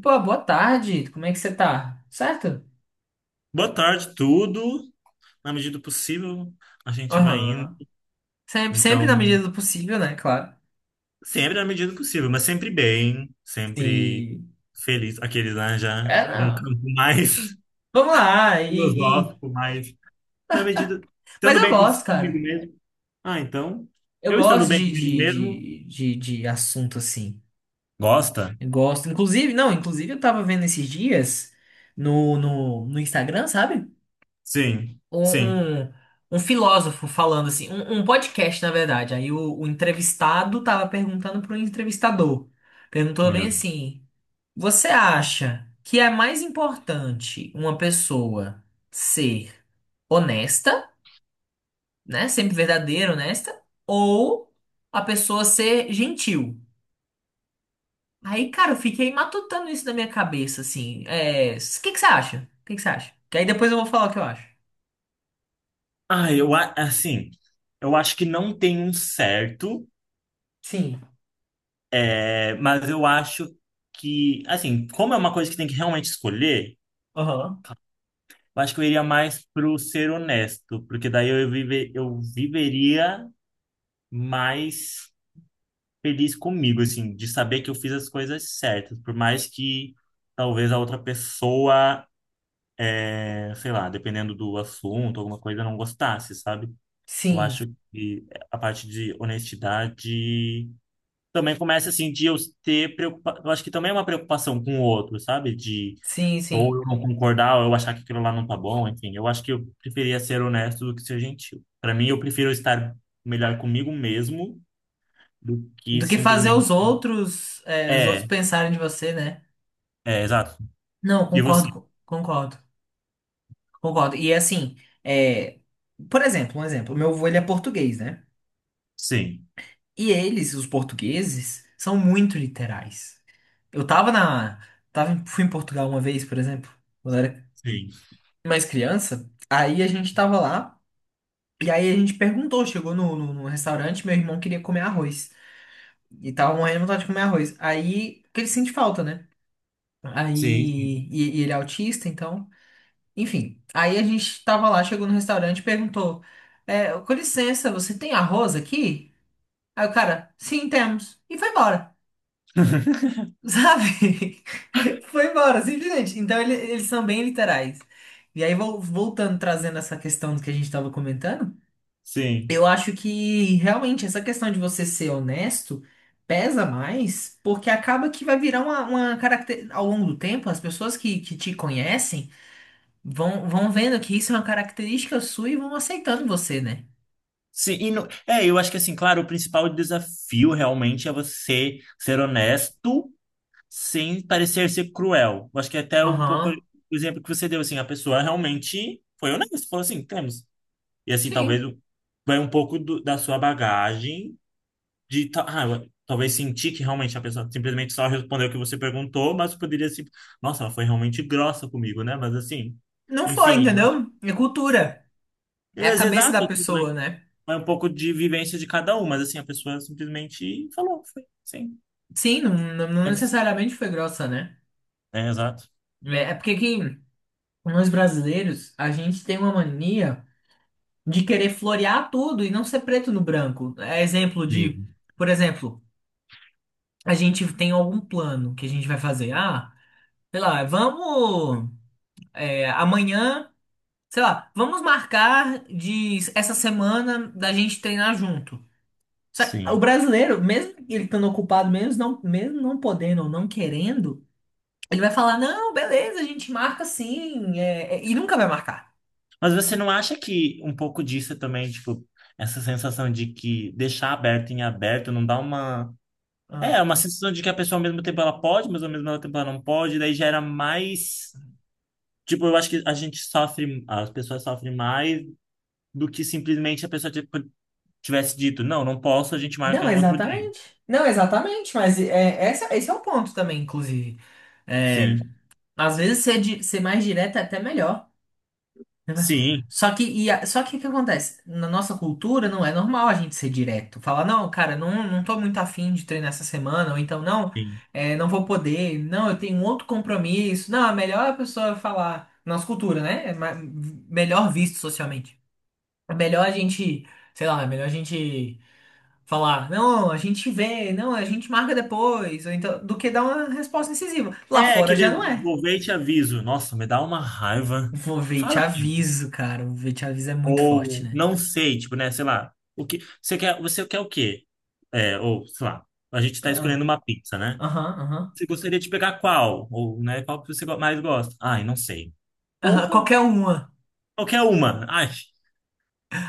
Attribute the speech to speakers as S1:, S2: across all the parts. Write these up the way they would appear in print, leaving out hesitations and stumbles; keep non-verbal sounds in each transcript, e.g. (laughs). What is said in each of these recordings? S1: Pô, boa tarde. Como é que você tá? Certo?
S2: Boa tarde, tudo. Na medida do possível, a gente vai indo.
S1: Aham. Sempre
S2: Então,
S1: na medida do possível, né? Claro.
S2: sempre na medida do possível, mas sempre bem, sempre
S1: Sim.
S2: feliz. Aqueles lá já
S1: É,
S2: para um
S1: não.
S2: campo mais
S1: Vamos lá.
S2: (laughs) filosófico, mais na medida,
S1: Mas
S2: estando
S1: eu
S2: bem
S1: gosto,
S2: comigo
S1: cara.
S2: mesmo. Ah, então,
S1: Eu
S2: eu estando
S1: gosto
S2: bem comigo mesmo,
S1: de, de assunto assim.
S2: gosta?
S1: Eu gosto. Inclusive, não, inclusive eu tava vendo esses dias no Instagram, sabe?
S2: Sim,
S1: Um,
S2: sim,
S1: um, um filósofo falando assim, um podcast, na verdade. Aí o entrevistado tava perguntando pro entrevistador. Perguntou bem
S2: meu. Deus.
S1: assim. Você acha que é mais importante uma pessoa ser honesta, né? Sempre verdadeira, honesta, ou a pessoa ser gentil? Aí, cara, eu fiquei matutando isso na minha cabeça, assim. É, o que que você acha? O que que você acha? Que aí depois eu vou falar o que eu acho.
S2: Ah, assim, eu acho que não tem um certo.
S1: Sim.
S2: É, mas eu acho que, assim, como é uma coisa que tem que realmente escolher,
S1: Aham.
S2: eu acho que eu iria mais pro ser honesto, porque daí eu viveria mais feliz comigo, assim, de saber que eu fiz as coisas certas, por mais que talvez a outra pessoa, é, sei lá, dependendo do assunto, alguma coisa, não gostasse, sabe? Eu
S1: Sim.
S2: acho que a parte de honestidade também começa, assim, de eu ter preocupação, eu acho que também é uma preocupação com o outro, sabe? De
S1: Sim,
S2: ou
S1: sim.
S2: eu não concordar, ou eu achar que aquilo lá não tá bom, enfim. Eu acho que eu preferia ser honesto do que ser gentil. Para mim, eu prefiro estar melhor comigo mesmo do que
S1: Do que fazer
S2: simplesmente.
S1: os outros, é, os outros
S2: É,
S1: pensarem de você, né?
S2: é, exato.
S1: Não,
S2: E você?
S1: concordo, concordo. Concordo. E assim, é, por exemplo, um exemplo, meu avô ele é português, né?
S2: Sim,
S1: E eles, os portugueses, são muito literais. Eu tava na, fui em Portugal uma vez, por exemplo, quando eu era
S2: sim,
S1: mais criança. Aí a gente tava lá e aí a gente perguntou, chegou no restaurante, meu irmão queria comer arroz e tava morrendo de vontade de comer arroz. Aí que ele sente falta, né?
S2: sim, sim.
S1: Aí e ele é autista, então enfim, aí a gente tava lá, chegou no restaurante e perguntou: é, com licença, você tem arroz aqui? Aí o cara, sim, temos. E foi embora, sabe? (laughs) Foi embora, simplesmente. Então ele- eles são bem literais. E aí, voltando, trazendo essa questão do que a gente tava comentando,
S2: Sim,
S1: eu acho que realmente essa questão de você ser honesto pesa mais, porque acaba que vai virar uma característica. Ao longo do tempo, as pessoas que te conhecem. Vão vendo que isso é uma característica sua e vão aceitando você, né?
S2: sim, e é, eu acho que assim, claro, o principal desafio realmente é você ser honesto sem parecer ser cruel. Eu acho que é até um pouco o
S1: Aham.
S2: exemplo que você deu, assim, a pessoa realmente foi honesta, falou assim, temos. E assim,
S1: Sim.
S2: vai um pouco da sua bagagem de ah, talvez sentir que realmente a pessoa simplesmente só respondeu o que você perguntou, mas poderia se, nossa, ela foi realmente grossa comigo, né? Mas assim,
S1: Não foi,
S2: enfim,
S1: entendeu? É cultura. É a
S2: mas
S1: cabeça da
S2: exato, assim,
S1: pessoa, né?
S2: vai um pouco de vivência de cada um, mas assim, a pessoa simplesmente falou, foi, sim.
S1: Sim, não, não não
S2: É,
S1: necessariamente foi grossa, né?
S2: é, exato.
S1: É porque que nós brasileiros, a gente tem uma mania de querer florear tudo e não ser preto no branco. É exemplo de,
S2: Sim.
S1: por exemplo, a gente tem algum plano que a gente vai fazer. Ah, sei lá, vamos, é, amanhã. Sei lá, vamos marcar de essa semana da gente treinar junto. Só que o
S2: Sim.
S1: brasileiro, mesmo ele estando ocupado, mesmo não podendo ou não querendo, ele vai falar: não, beleza, a gente marca sim, é, é", e nunca vai marcar.
S2: Mas você não acha que um pouco disso é também, tipo, essa sensação de que deixar aberto em aberto não dá uma é,
S1: Ah.
S2: uma sensação de que a pessoa ao mesmo tempo ela pode, mas ao mesmo tempo ela não pode, daí gera mais. Tipo, eu acho que a gente sofre, as pessoas sofrem mais do que simplesmente a pessoa tipo, tivesse dito, não, não posso, a gente marca
S1: Não,
S2: em outro dia.
S1: exatamente. Não, exatamente, mas é, essa, esse é o ponto também, inclusive. É,
S2: Sim,
S1: às vezes ser, ser mais direto é até melhor.
S2: sim,
S1: Só que, só que o que acontece? Na nossa cultura não é normal a gente ser direto. Falar, não, cara, não, não tô muito afim de treinar essa semana, ou então, não,
S2: sim.
S1: é, não vou poder, não, eu tenho outro compromisso. Não, é melhor é a pessoa falar. Nossa cultura, né? Melhor visto socialmente. É melhor a gente, sei lá, é melhor a gente falar, não, a gente vê, não, a gente marca depois, ou então, do que dar uma resposta incisiva.
S2: É,
S1: Lá
S2: é
S1: fora já não
S2: aquele
S1: é.
S2: vou ver e te aviso. Nossa, me dá uma raiva.
S1: Vou ver e te
S2: Fala, gente.
S1: aviso, cara. O ver e te aviso é muito forte,
S2: Ou
S1: né?
S2: não sei, tipo, né, sei lá, o que. Você quer o quê? É, ou, sei lá, a gente tá escolhendo uma pizza, né?
S1: Aham, aham.
S2: Você gostaria de pegar qual? Ou, né, qual que você mais gosta? Ai, não sei.
S1: Aham,
S2: Porra,
S1: qualquer uma.
S2: qualquer uma. Ai.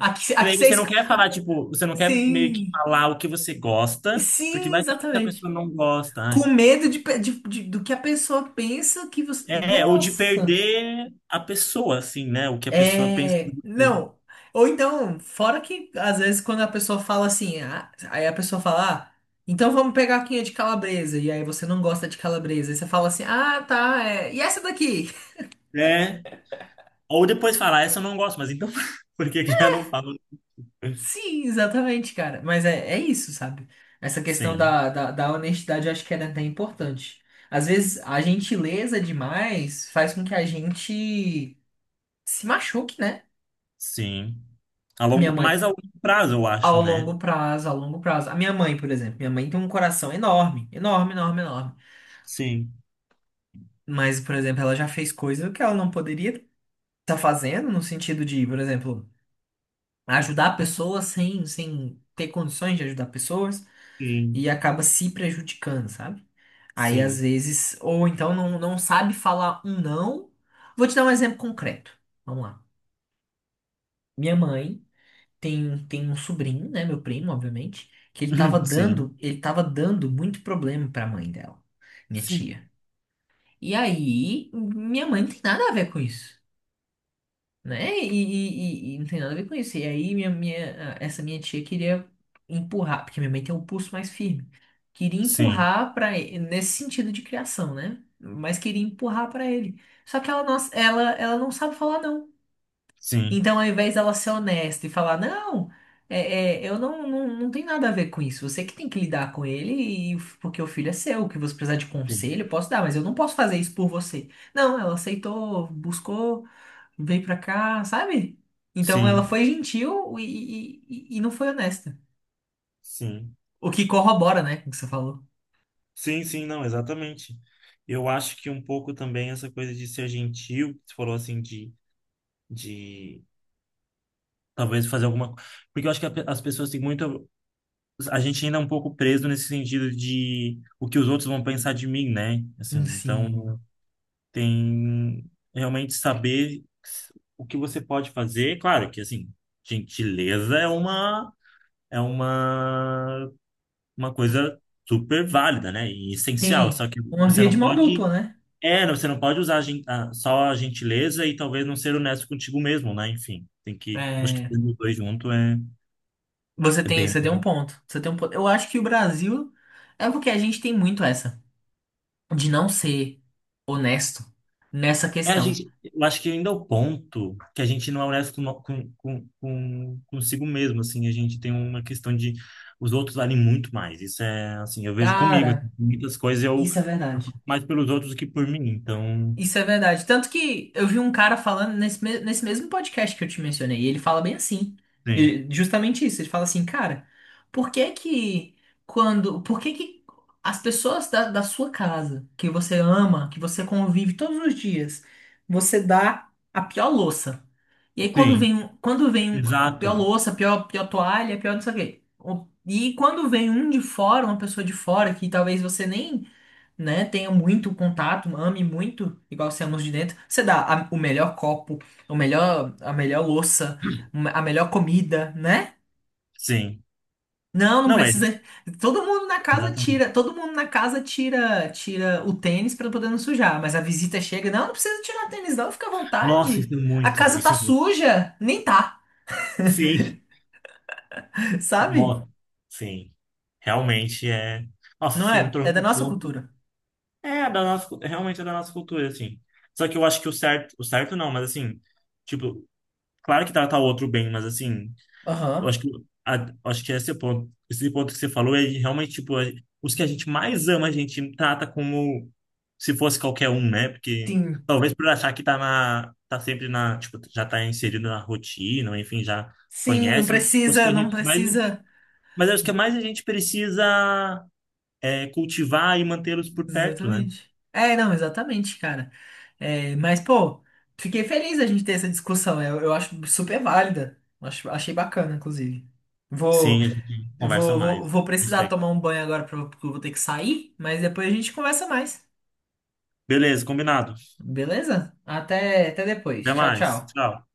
S1: Aqui,
S2: E
S1: aqui
S2: daí
S1: você
S2: você não quer falar, tipo, você não quer meio que
S1: Sim,
S2: falar o que você gosta, porque
S1: sim,
S2: vai saber se a
S1: exatamente.
S2: pessoa não gosta. Ai.
S1: Com medo de, do que a pessoa pensa que você.
S2: É, ou de
S1: Nossa!
S2: perder a pessoa, assim, né? O que a pessoa pensa
S1: É.
S2: de
S1: Não. Ou então, fora que às vezes quando a pessoa fala assim, ah, aí a pessoa fala, ah, então vamos pegar aqui a de calabresa. E aí você não gosta de calabresa. E você fala assim, ah, tá, é. E essa daqui?
S2: você. É. Ou depois falar, essa eu não gosto, mas então (laughs) por que que eu não falo?
S1: Sim, exatamente, cara. Mas é, é isso, sabe? Essa questão
S2: Sim,
S1: da honestidade eu acho que era até importante. Às vezes a gentileza demais faz com que a gente se machuque, né?
S2: sim. A
S1: Minha
S2: longo, mais
S1: mãe,
S2: a longo prazo, eu
S1: ao
S2: acho, né?
S1: longo prazo, ao longo prazo. A minha mãe, por exemplo, minha mãe tem um coração enorme, enorme.
S2: Sim,
S1: Mas, por exemplo, ela já fez coisa que ela não poderia estar fazendo, no sentido de, por exemplo, ajudar pessoas sem, sem ter condições de ajudar pessoas e
S2: sim,
S1: acaba se prejudicando, sabe? Aí às
S2: sim.
S1: vezes, ou então não, não sabe falar um não. Vou te dar um exemplo concreto. Vamos lá. Minha mãe tem um sobrinho, né? Meu primo, obviamente, que
S2: (laughs) Sim,
S1: ele tava dando muito problema pra mãe dela, minha tia.
S2: sim.
S1: E aí, minha mãe não tem nada a ver com isso. Né? E não tem nada a ver com isso. E aí essa minha tia queria empurrar, porque minha mãe tem um pulso mais firme. Queria
S2: Sim,
S1: empurrar para nesse sentido de criação, né? Mas queria empurrar para ele. Só que ela não, ela não sabe falar não.
S2: sim,
S1: Então, ao invés dela ser honesta e falar, não, é, é, eu não, não, não tem nada a ver com isso. Você que tem que lidar com ele, e, porque o filho é seu. O que você precisar de conselho,
S2: sim,
S1: eu posso dar, mas eu não posso fazer isso por você. Não, ela aceitou, buscou, veio pra cá, sabe? Então ela
S2: sim,
S1: foi gentil e não foi honesta.
S2: sim,
S1: O que corrobora, né, com o que você falou.
S2: sim, sim, não, exatamente. Eu acho que um pouco também essa coisa de ser gentil, que você falou assim, de talvez fazer alguma. Porque eu acho que a as pessoas têm muito. A gente ainda é um pouco preso nesse sentido de o que os outros vão pensar de mim, né? Assim, então
S1: Sim.
S2: tem realmente saber o que você pode fazer. Claro que, assim, gentileza é uma. É uma coisa super válida, né? E essencial.
S1: Tem
S2: Só que
S1: uma
S2: você
S1: via de
S2: não
S1: mão dupla,
S2: pode.
S1: né?
S2: É, não, você não pode usar a só a gentileza e talvez não ser honesto contigo mesmo, né? Enfim, tem que. Acho que
S1: É,
S2: tendo os dois junto é, é bem.
S1: você tem um ponto. Você tem um ponto. Eu acho que o Brasil é porque a gente tem muito essa de não ser honesto nessa
S2: É, a
S1: questão.
S2: gente. Eu acho que ainda é o ponto que a gente não é honesto consigo mesmo, assim. A gente tem uma questão de. Os outros valem muito mais. Isso é, assim, eu vejo comigo. Assim,
S1: Cara,
S2: muitas coisas eu.
S1: isso é
S2: Eu
S1: verdade.
S2: faço mais pelos outros do que por mim. Então,
S1: Isso é verdade. Tanto que eu vi um cara falando nesse, nesse mesmo podcast que eu te mencionei, e ele fala bem assim.
S2: sim.
S1: E justamente isso, ele fala assim, cara, por que que quando, por que que as pessoas da, da sua casa, que você ama, que você convive todos os dias, você dá a pior louça? E aí quando
S2: Sim,
S1: vem, a pior
S2: exato.
S1: louça, a pior, pior toalha, a pior não sei o quê. E quando vem um de fora, uma pessoa de fora, que talvez você nem, né, tenha muito contato, ame muito, igual você ama os de dentro. Você dá o melhor copo, o melhor, a melhor louça, a melhor comida, né?
S2: Sim.
S1: Não, não
S2: Não é,
S1: precisa.
S2: exatamente.
S1: Todo mundo na casa tira, tira o tênis pra poder não sujar, mas a visita chega, não, não precisa tirar o tênis não, fica à
S2: Nossa, isso
S1: vontade.
S2: é
S1: A
S2: muito,
S1: casa tá
S2: isso é muito.
S1: suja, nem tá,
S2: Sim,
S1: (laughs) sabe?
S2: nossa, sim. Realmente é. Nossa,
S1: Não
S2: você
S1: é?
S2: entrou
S1: É da
S2: num
S1: nossa
S2: ponto.
S1: cultura.
S2: É, da nossa, realmente é da nossa cultura, assim. Só que eu acho que o certo não, mas assim, tipo, claro que tratar o outro bem, mas assim. Eu
S1: Aham.
S2: acho que, acho que esse é o ponto, esse ponto que você falou é realmente, tipo, os que a gente mais ama, a gente trata como se fosse qualquer um, né? Porque
S1: Sim.
S2: talvez por achar que tá na, tá sempre na, tipo, já tá inserido na rotina, ou enfim, já
S1: Sim, não
S2: conhece, mas os
S1: precisa,
S2: que a
S1: não
S2: gente mais,
S1: precisa.
S2: mas acho que é mais a gente precisa é, cultivar e mantê-los por perto, né?
S1: Exatamente. É, não, exatamente, cara. É, mas, pô, fiquei feliz da gente ter essa discussão. Eu acho super válida. Acho, achei bacana, inclusive. Vou,
S2: Sim, a gente conversa mais.
S1: vou precisar
S2: Gostei.
S1: tomar um banho agora pra- porque eu vou ter que sair, mas depois a gente conversa mais.
S2: Beleza, combinado.
S1: Beleza? Até, até depois.
S2: Até
S1: Tchau,
S2: mais.
S1: tchau.
S2: Tchau.